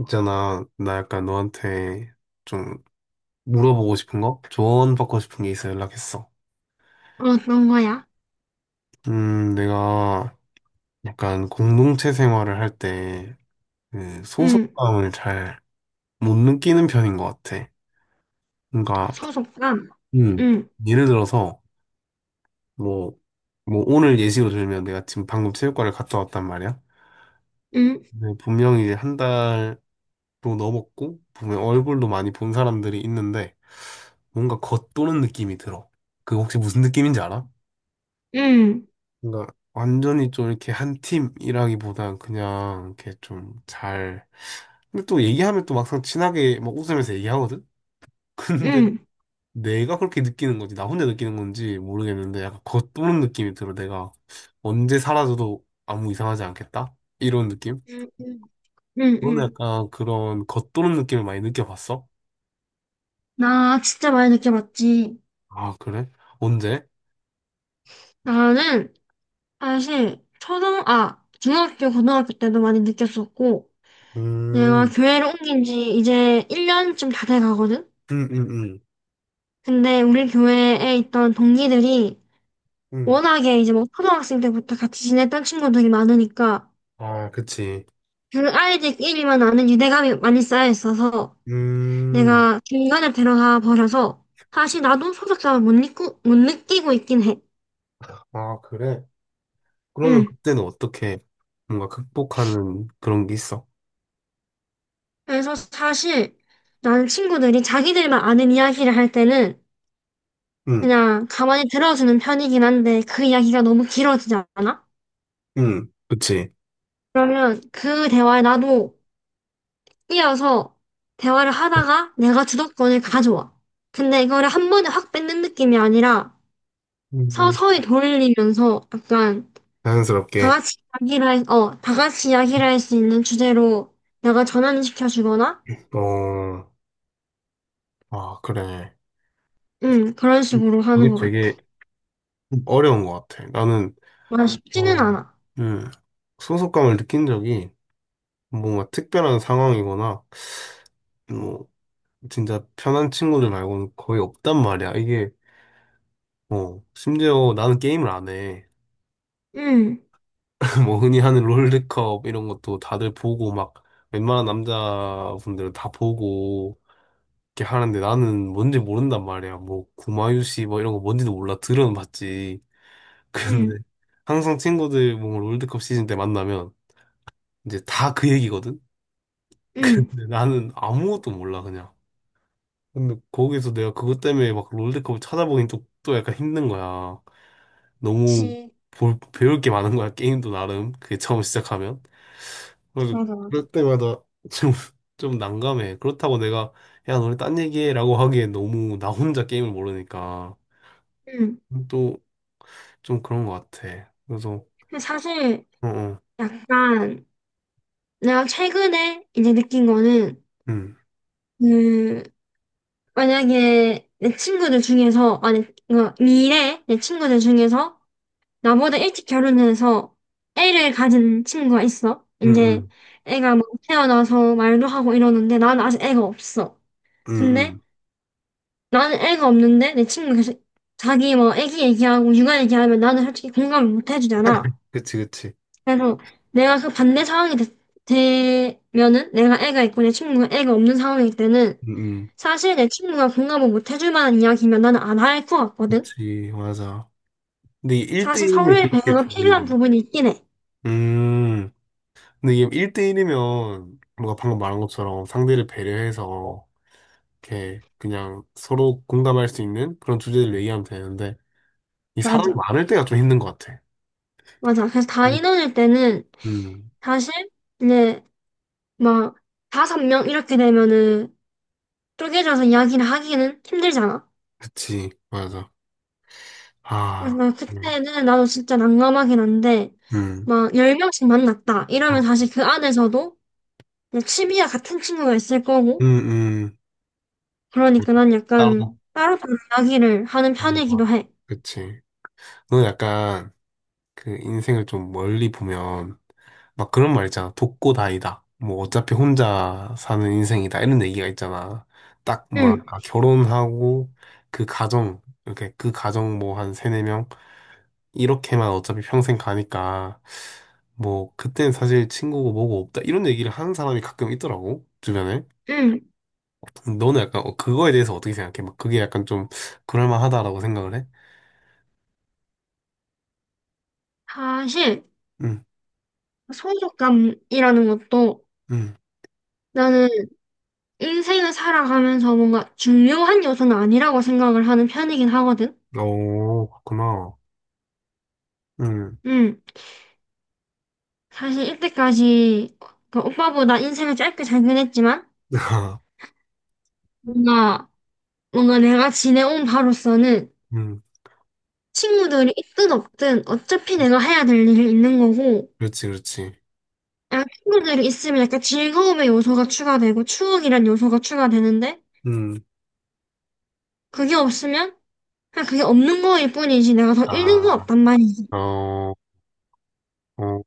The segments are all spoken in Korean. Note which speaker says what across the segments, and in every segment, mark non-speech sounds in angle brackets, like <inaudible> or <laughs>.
Speaker 1: 있잖아, 나 약간 너한테 좀 물어보고 싶은 거? 조언받고 싶은 게 있어 연락했어.
Speaker 2: 떤 거야.
Speaker 1: 내가 약간 공동체 생활을 할 때, 그,
Speaker 2: 응,
Speaker 1: 소속감을 잘 못 느끼는 편인 것 같아. 그러니까,
Speaker 2: 소속감.
Speaker 1: 음,
Speaker 2: 응,
Speaker 1: 예를 들어서, 뭐, 뭐, 오늘 예시로 들면 내가 지금 방금 체육관을 갔다 왔단 말이야.
Speaker 2: 응,
Speaker 1: 근데 분명히 이제 한 달도 넘었고, 보면 얼굴도 많이 본 사람들이 있는데, 뭔가 겉도는 느낌이 들어. 그 혹시 무슨 느낌인지 알아?
Speaker 2: 응,
Speaker 1: 그러니까 완전히 좀 이렇게 한 팀이라기보단 그냥 이렇게 좀 잘. 근데 또 얘기하면 또 막상 친하게 막 웃으면서 얘기하거든? <laughs> 근데
Speaker 2: 응,
Speaker 1: 내가 그렇게 느끼는 건지, 나 혼자 느끼는 건지 모르겠는데 약간 겉도는 느낌이 들어. 내가 언제 사라져도 아무 이상하지 않겠다? 이런 느낌?
Speaker 2: 응, 응, 응.
Speaker 1: 너는
Speaker 2: 응.
Speaker 1: 약간 그런 겉도는 느낌을 많이 느껴봤어?
Speaker 2: 나 진짜 많이 느껴봤지.
Speaker 1: 아, 그래? 언제?
Speaker 2: 나는 사실 중학교, 고등학교 때도 많이 느꼈었고, 내가
Speaker 1: 음,
Speaker 2: 교회를 옮긴 지 이제 1년쯤 다 돼 가거든?
Speaker 1: 음, 음, 음.
Speaker 2: 근데 우리 교회에 있던 동기들이
Speaker 1: 음.
Speaker 2: 워낙에 이제 뭐 초등학생 때부터 같이 지냈던 친구들이 많으니까
Speaker 1: 아, 그치.
Speaker 2: 그 아이들끼리만 아는 유대감이 많이 쌓여 있어서
Speaker 1: 음,
Speaker 2: 내가 중간에 들어가 버려서 사실 나도 소속감을 못 느끼고 있긴 해.
Speaker 1: 아, 그래? 그러면
Speaker 2: 응.
Speaker 1: 그때는 어떻게 뭔가 극복하는 그런 게 있어?
Speaker 2: 그래서 사실 나는 친구들이 자기들만 아는 이야기를 할 때는
Speaker 1: 응,
Speaker 2: 그냥 가만히 들어주는 편이긴 한데 그 이야기가 너무 길어지지 않아?
Speaker 1: 응, 그치.
Speaker 2: 그러면 그 대화에 나도 끼어서 대화를 하다가 내가 주도권을 가져와. 근데 이거를 한 번에 확 뺏는 느낌이 아니라
Speaker 1: 음.
Speaker 2: 서서히 돌리면서 약간
Speaker 1: 자연스럽게.
Speaker 2: 다 같이 이야기를 할 수 있는 주제로 내가 전환 시켜주거나,
Speaker 1: 어, 아, 그래.
Speaker 2: 그런 식으로 하는
Speaker 1: 그게
Speaker 2: 것
Speaker 1: 되게
Speaker 2: 같아.
Speaker 1: 어려운 것 같아. 나는,
Speaker 2: 와, 쉽지는
Speaker 1: 어,
Speaker 2: 않아.
Speaker 1: 음, 소속감을 느낀 적이 뭔가 특별한 상황이거나, 뭐, 진짜 편한 친구들 말고는 거의 없단 말이야. 이게, 어, 심지어 나는 게임을 안 해.
Speaker 2: 음,
Speaker 1: 뭐 흔히 하는 롤드컵 이런 것도 다들 보고 막 웬만한 남자분들은 다 보고 이렇게 하는데 나는 뭔지 모른단 말이야. 뭐 구마유시 뭐 이런 거 뭔지도 몰라. 들은 봤지. <laughs> 근데
Speaker 2: 음,
Speaker 1: 항상 친구들 뭐 롤드컵 시즌 때 만나면 이제 다 그 얘기거든.
Speaker 2: 음.
Speaker 1: 근데 나는 아무것도 몰라 그냥. 근데 거기서 내가 그것 때문에 막 롤드컵을 찾아보긴 또 약간 힘든 거야. 너무
Speaker 2: 그치.
Speaker 1: 볼, 배울 게 많은 거야. 게임도 나름. 그게 처음 시작하면. 그래서
Speaker 2: 맞아, 맞아.
Speaker 1: 그럴 때마다 좀, 좀 난감해. 그렇다고 내가, 야, 너네 딴 얘기해. 라고 하기엔 너무 나 혼자 게임을 모르니까.
Speaker 2: 음.
Speaker 1: 또 좀 그런 것 같아. 그래서,
Speaker 2: 근데 사실,
Speaker 1: 어, 어,
Speaker 2: 약간, 내가 최근에 이제 느낀 거는,
Speaker 1: 응,
Speaker 2: 그, 만약에 내 친구들 중에서, 미래 내 친구들 중에서 나보다 일찍 결혼해서 애를 가진 친구가 있어.
Speaker 1: 응,
Speaker 2: 이제
Speaker 1: 응,
Speaker 2: 애가 막 태어나서 말도 하고 이러는데 나는 아직 애가 없어.
Speaker 1: 응,
Speaker 2: 근데
Speaker 1: 응.
Speaker 2: 나는 애가 없는데 내 친구가 계속 자기 뭐 애기 얘기하고 육아 얘기하면 나는 솔직히 공감을 못 해주잖아.
Speaker 1: 그치, 그치.
Speaker 2: 그래서 내가 그 반대 상황이 되면은 내가 애가 있고 내 친구가 애가 없는 상황일 때는
Speaker 1: 응, 응.
Speaker 2: 사실 내 친구가 공감을 못 해줄 만한 이야기면 나는 안 할 것 같거든.
Speaker 1: 그치, 맞아. 근데
Speaker 2: 사실
Speaker 1: 1대1이면
Speaker 2: 서로의
Speaker 1: 그렇게
Speaker 2: 배려가 필요한
Speaker 1: 되는데.
Speaker 2: 부분이 있긴 해.
Speaker 1: 음, 근데 이게 1대1이면 뭔가 방금 말한 것처럼 상대를 배려해서 이렇게 그냥 서로 공감할 수 있는 그런 주제를 얘기하면 되는데 이 사람이
Speaker 2: 맞아.
Speaker 1: 많을 때가 좀 힘든 것 같아.
Speaker 2: 맞아. 그래서 다
Speaker 1: 음,
Speaker 2: 이뤄질 때는
Speaker 1: 음,
Speaker 2: 사실 이제 막 5명 이렇게 되면은 쪼개져서 이야기를 하기는 힘들잖아.
Speaker 1: 그치, 맞아.
Speaker 2: 그래서
Speaker 1: 아,
Speaker 2: 나
Speaker 1: 음,
Speaker 2: 그때는 나도 진짜 난감하긴 한데
Speaker 1: 음,
Speaker 2: 막 열 명씩 만났다 이러면
Speaker 1: 어,
Speaker 2: 사실 그 안에서도 그냥 취미와 같은 친구가 있을
Speaker 1: 음,
Speaker 2: 거고
Speaker 1: 음, 음,
Speaker 2: 그러니까 난 약간
Speaker 1: 따로,
Speaker 2: 따로따로 이야기를 하는
Speaker 1: 보는 거
Speaker 2: 편이기도 해.
Speaker 1: 그치. 너 약간 그 인생을 좀 멀리 보면 막 그런 말 있잖아. 독고다이다. 뭐 어차피 혼자 사는 인생이다. 이런 얘기가 있잖아. 딱
Speaker 2: 응,
Speaker 1: 뭐랄까, 결혼하고 그 가정, 이렇게 그 가정 뭐 한 세네 명 이렇게만 어차피 평생 가니까 뭐 그땐 사실 친구고 뭐고 없다 이런 얘기를 하는 사람이 가끔 있더라고 주변에.
Speaker 2: 응.
Speaker 1: 너는 약간 어, 그거에 대해서 어떻게 생각해? 막 그게 약간 좀 그럴만하다라고 생각을 해?
Speaker 2: 사실
Speaker 1: 응,
Speaker 2: 소속감이라는 것도
Speaker 1: 응,
Speaker 2: 나는 인생을 살아가면서 뭔가 중요한 요소는 아니라고 생각을 하는 편이긴 하거든.
Speaker 1: 오, 그렇구나. 응,
Speaker 2: 음, 사실 이때까지 그 오빠보다 인생을 짧게 살긴 했지만
Speaker 1: <laughs>
Speaker 2: 뭔가 뭔가 내가 지내온 바로서는
Speaker 1: 응,
Speaker 2: 친구들이 있든 없든 어차피 내가 해야 될 일이 있는 거고
Speaker 1: 그렇지, 그렇지.
Speaker 2: 약간 친구들이 있으면 약간 즐거움의 요소가 추가되고 추억이란 요소가 추가되는데
Speaker 1: 응,
Speaker 2: 그게 없으면 그냥 그게 없는 거일 뿐이지 내가 더 잃는 건
Speaker 1: 아,
Speaker 2: 없단 말이지.
Speaker 1: 어, 어,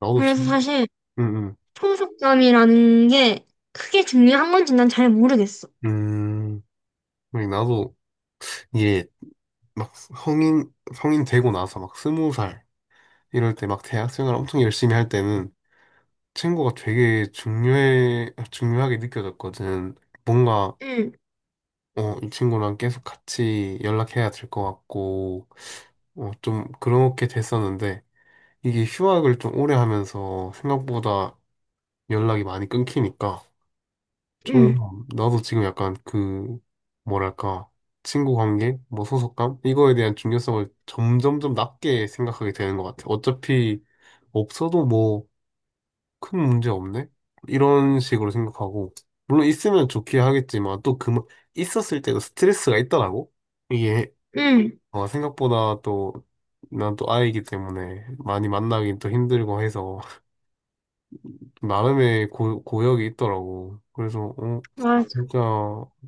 Speaker 1: 나도
Speaker 2: 그래서
Speaker 1: 참,
Speaker 2: 사실
Speaker 1: 응,
Speaker 2: 통속감이라는 게 크게 중요한 건지 난 잘 모르겠어.
Speaker 1: 응, 나도 이게 막 성인 되고 나서 막 20살 이럴 때 막 대학생활 엄청 열심히 할 때는 친구가 되게 중요해, 중요하게 느껴졌거든. 뭔가,
Speaker 2: 응,
Speaker 1: 어, 이 친구랑 계속 같이 연락해야 될 것 같고, 어, 좀 그렇게 됐었는데, 이게 휴학을 좀 오래 하면서 생각보다 연락이 많이 끊기니까,
Speaker 2: 응,
Speaker 1: 좀, 나도 지금 약간 그, 뭐랄까, 친구 관계, 뭐 소속감? 이거에 대한 중요성을 점점 좀 낮게 생각하게 되는 것 같아. 어차피 없어도 뭐, 큰 문제 없네? 이런 식으로 생각하고, 물론 있으면 좋긴 하겠지만, 또 그, 있었을 때도 스트레스가 있더라고? 이게,
Speaker 2: 응,
Speaker 1: 어, 생각보다 또, 난 또 아이기 때문에 많이 만나긴 또 힘들고 해서, <laughs> 나름의 고, 고역이 있더라고. 그래서, 어,
Speaker 2: 맞아.
Speaker 1: 진짜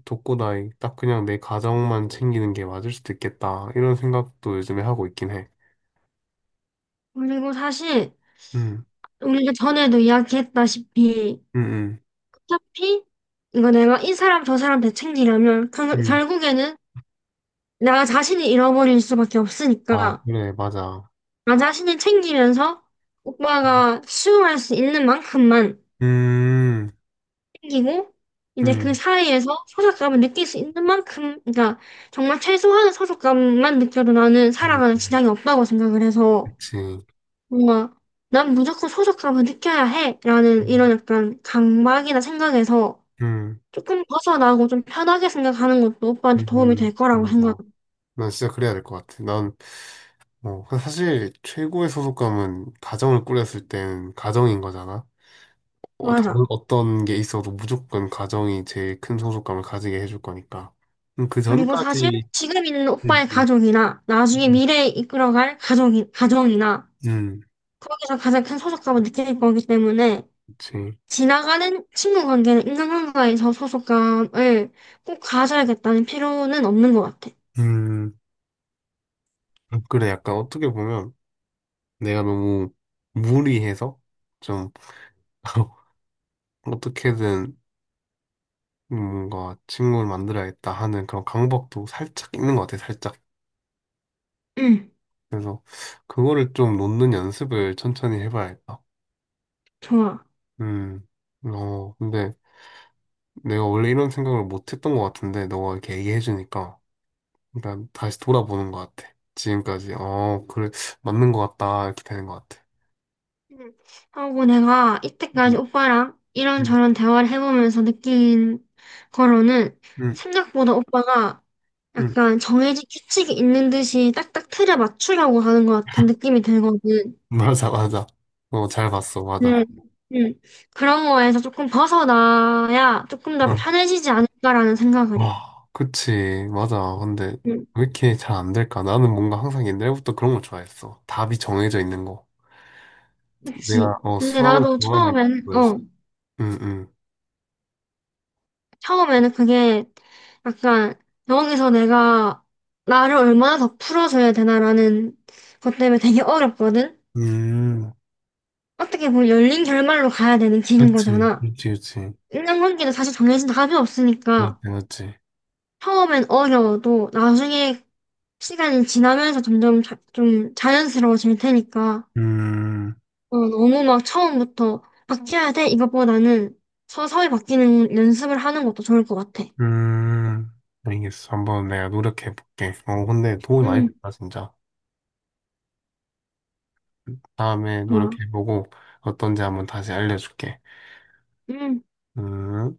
Speaker 1: 독고다이, 딱 그냥 내 가정만 챙기는 게 맞을 수도 있겠다. 이런 생각도 요즘에 하고 있긴 해.
Speaker 2: 그리고 사실
Speaker 1: 음,
Speaker 2: 우리가 전에도 이야기했다시피
Speaker 1: 음,
Speaker 2: 어차피 이거 내가 이 사람 저 사람 다 챙기려면 결,
Speaker 1: 음, 음.
Speaker 2: 결국에는 나 자신을 잃어버릴 수밖에
Speaker 1: 아,
Speaker 2: 없으니까
Speaker 1: 그래, 맞아.
Speaker 2: 나 자신을 챙기면서
Speaker 1: 음,
Speaker 2: 오빠가 수용할 수 있는 만큼만 생기고 이제 그
Speaker 1: 음.
Speaker 2: 사이에서 소속감을 느낄 수 있는 만큼 그러니까 정말 최소한의 소속감만 느껴도 나는
Speaker 1: 음.
Speaker 2: 살아가는 지장이 없다고 생각을 해서
Speaker 1: 그치.
Speaker 2: 뭔가 난 무조건 소속감을 느껴야 해라는
Speaker 1: 음,
Speaker 2: 이런 약간 강박이나 생각에서
Speaker 1: 음,
Speaker 2: 조금 벗어나고 좀 편하게 생각하는 것도 오빠한테 도움이 될 거라고 생각.
Speaker 1: 맞아. 난 진짜 그래야 될 것 같아. 난, 뭐, 사실 최고의 소속감은 가정을 꾸렸을 땐 가정인 거잖아. 어, 다른
Speaker 2: 맞아.
Speaker 1: 어떤 게 있어도 무조건 가정이 제일 큰 소속감을 가지게 해줄 거니까. 그
Speaker 2: 그리고 사실
Speaker 1: 전까지,
Speaker 2: 지금 있는
Speaker 1: 음,
Speaker 2: 오빠의
Speaker 1: 음,
Speaker 2: 가족이나 나중에
Speaker 1: 음,
Speaker 2: 미래에 이끌어갈 가정이나
Speaker 1: 음, 음,
Speaker 2: 거기서 가장 큰 소속감을 느낄 거기 때문에
Speaker 1: 그치.
Speaker 2: 지나가는 친구 관계는 인간관계에서 소속감을 꼭 가져야겠다는 필요는 없는 것 같아.
Speaker 1: 음, 아, 그래. 약간 어떻게 보면 내가 너무 무리해서 좀 <laughs> 어떻게든 뭔가 친구를 만들어야겠다 하는 그런 강박도 살짝 있는 것 같아, 살짝.
Speaker 2: 응,
Speaker 1: 그래서 그거를 좀 놓는 연습을 천천히 해봐야겠다.
Speaker 2: 좋아.
Speaker 1: 음, 어, 근데 내가 원래 이런 생각을 못 했던 것 같은데, 너가 이렇게 얘기해주니까 일단 다시 돌아보는 것 같아. 지금까지, 어, 그래, 맞는 것 같다, 이렇게 되는 것 같아.
Speaker 2: 응. 하고 내가 이때까지
Speaker 1: 음,
Speaker 2: 오빠랑
Speaker 1: 음,
Speaker 2: 이런저런 대화를 해보면서 느낀 거로는
Speaker 1: 음,
Speaker 2: 생각보다 오빠가
Speaker 1: 음.
Speaker 2: 약간 정해진 규칙이 있는 듯이 딱딱 틀에 맞추려고 하는 것 같은 느낌이 들거든.
Speaker 1: <laughs> 맞아, 맞아. 어, 잘 봤어,
Speaker 2: 네.
Speaker 1: 맞아.
Speaker 2: 응. 그런 거에서 조금 벗어나야 조금 더
Speaker 1: 어.
Speaker 2: 편해지지 않을까라는 생각을 해.
Speaker 1: 아, 그치. 맞아. 근데
Speaker 2: 응.
Speaker 1: 왜 이렇게 잘 안 될까? 나는 뭔가 항상 옛날부터 그런 걸 좋아했어. 답이 정해져 있는 거.
Speaker 2: 그치.
Speaker 1: 내가 어,
Speaker 2: 근데
Speaker 1: 수학을
Speaker 2: 나도
Speaker 1: 좋아하는 이유가 그거였어. 응, 응.
Speaker 2: 처음에는 그게 약간 여기서 내가 나를 얼마나 더 풀어줘야 되나라는 것 때문에 되게 어렵거든?
Speaker 1: 음,
Speaker 2: 어떻게 보면 열린 결말로 가야 되는 길인
Speaker 1: 그치.
Speaker 2: 거잖아.
Speaker 1: 그치, 그치.
Speaker 2: 인간관계도 사실 정해진 답이
Speaker 1: 맞지,
Speaker 2: 없으니까
Speaker 1: 맞지.
Speaker 2: 처음엔 어려워도 나중에 시간이 지나면서 점점 좀 자연스러워질 테니까
Speaker 1: 음,
Speaker 2: 너무 막 처음부터 바뀌어야 돼 이것보다는 서서히 바뀌는 연습을 하는 것도 좋을 것 같아.
Speaker 1: 음. 알겠어. 한번 내가 노력해볼게. 어, 근데 도움이 많이
Speaker 2: 음.
Speaker 1: 됐다, 진짜. 다음에
Speaker 2: 좋아.
Speaker 1: 노력해보고 어떤지 한번 다시 알려줄게.
Speaker 2: 응.
Speaker 1: 음.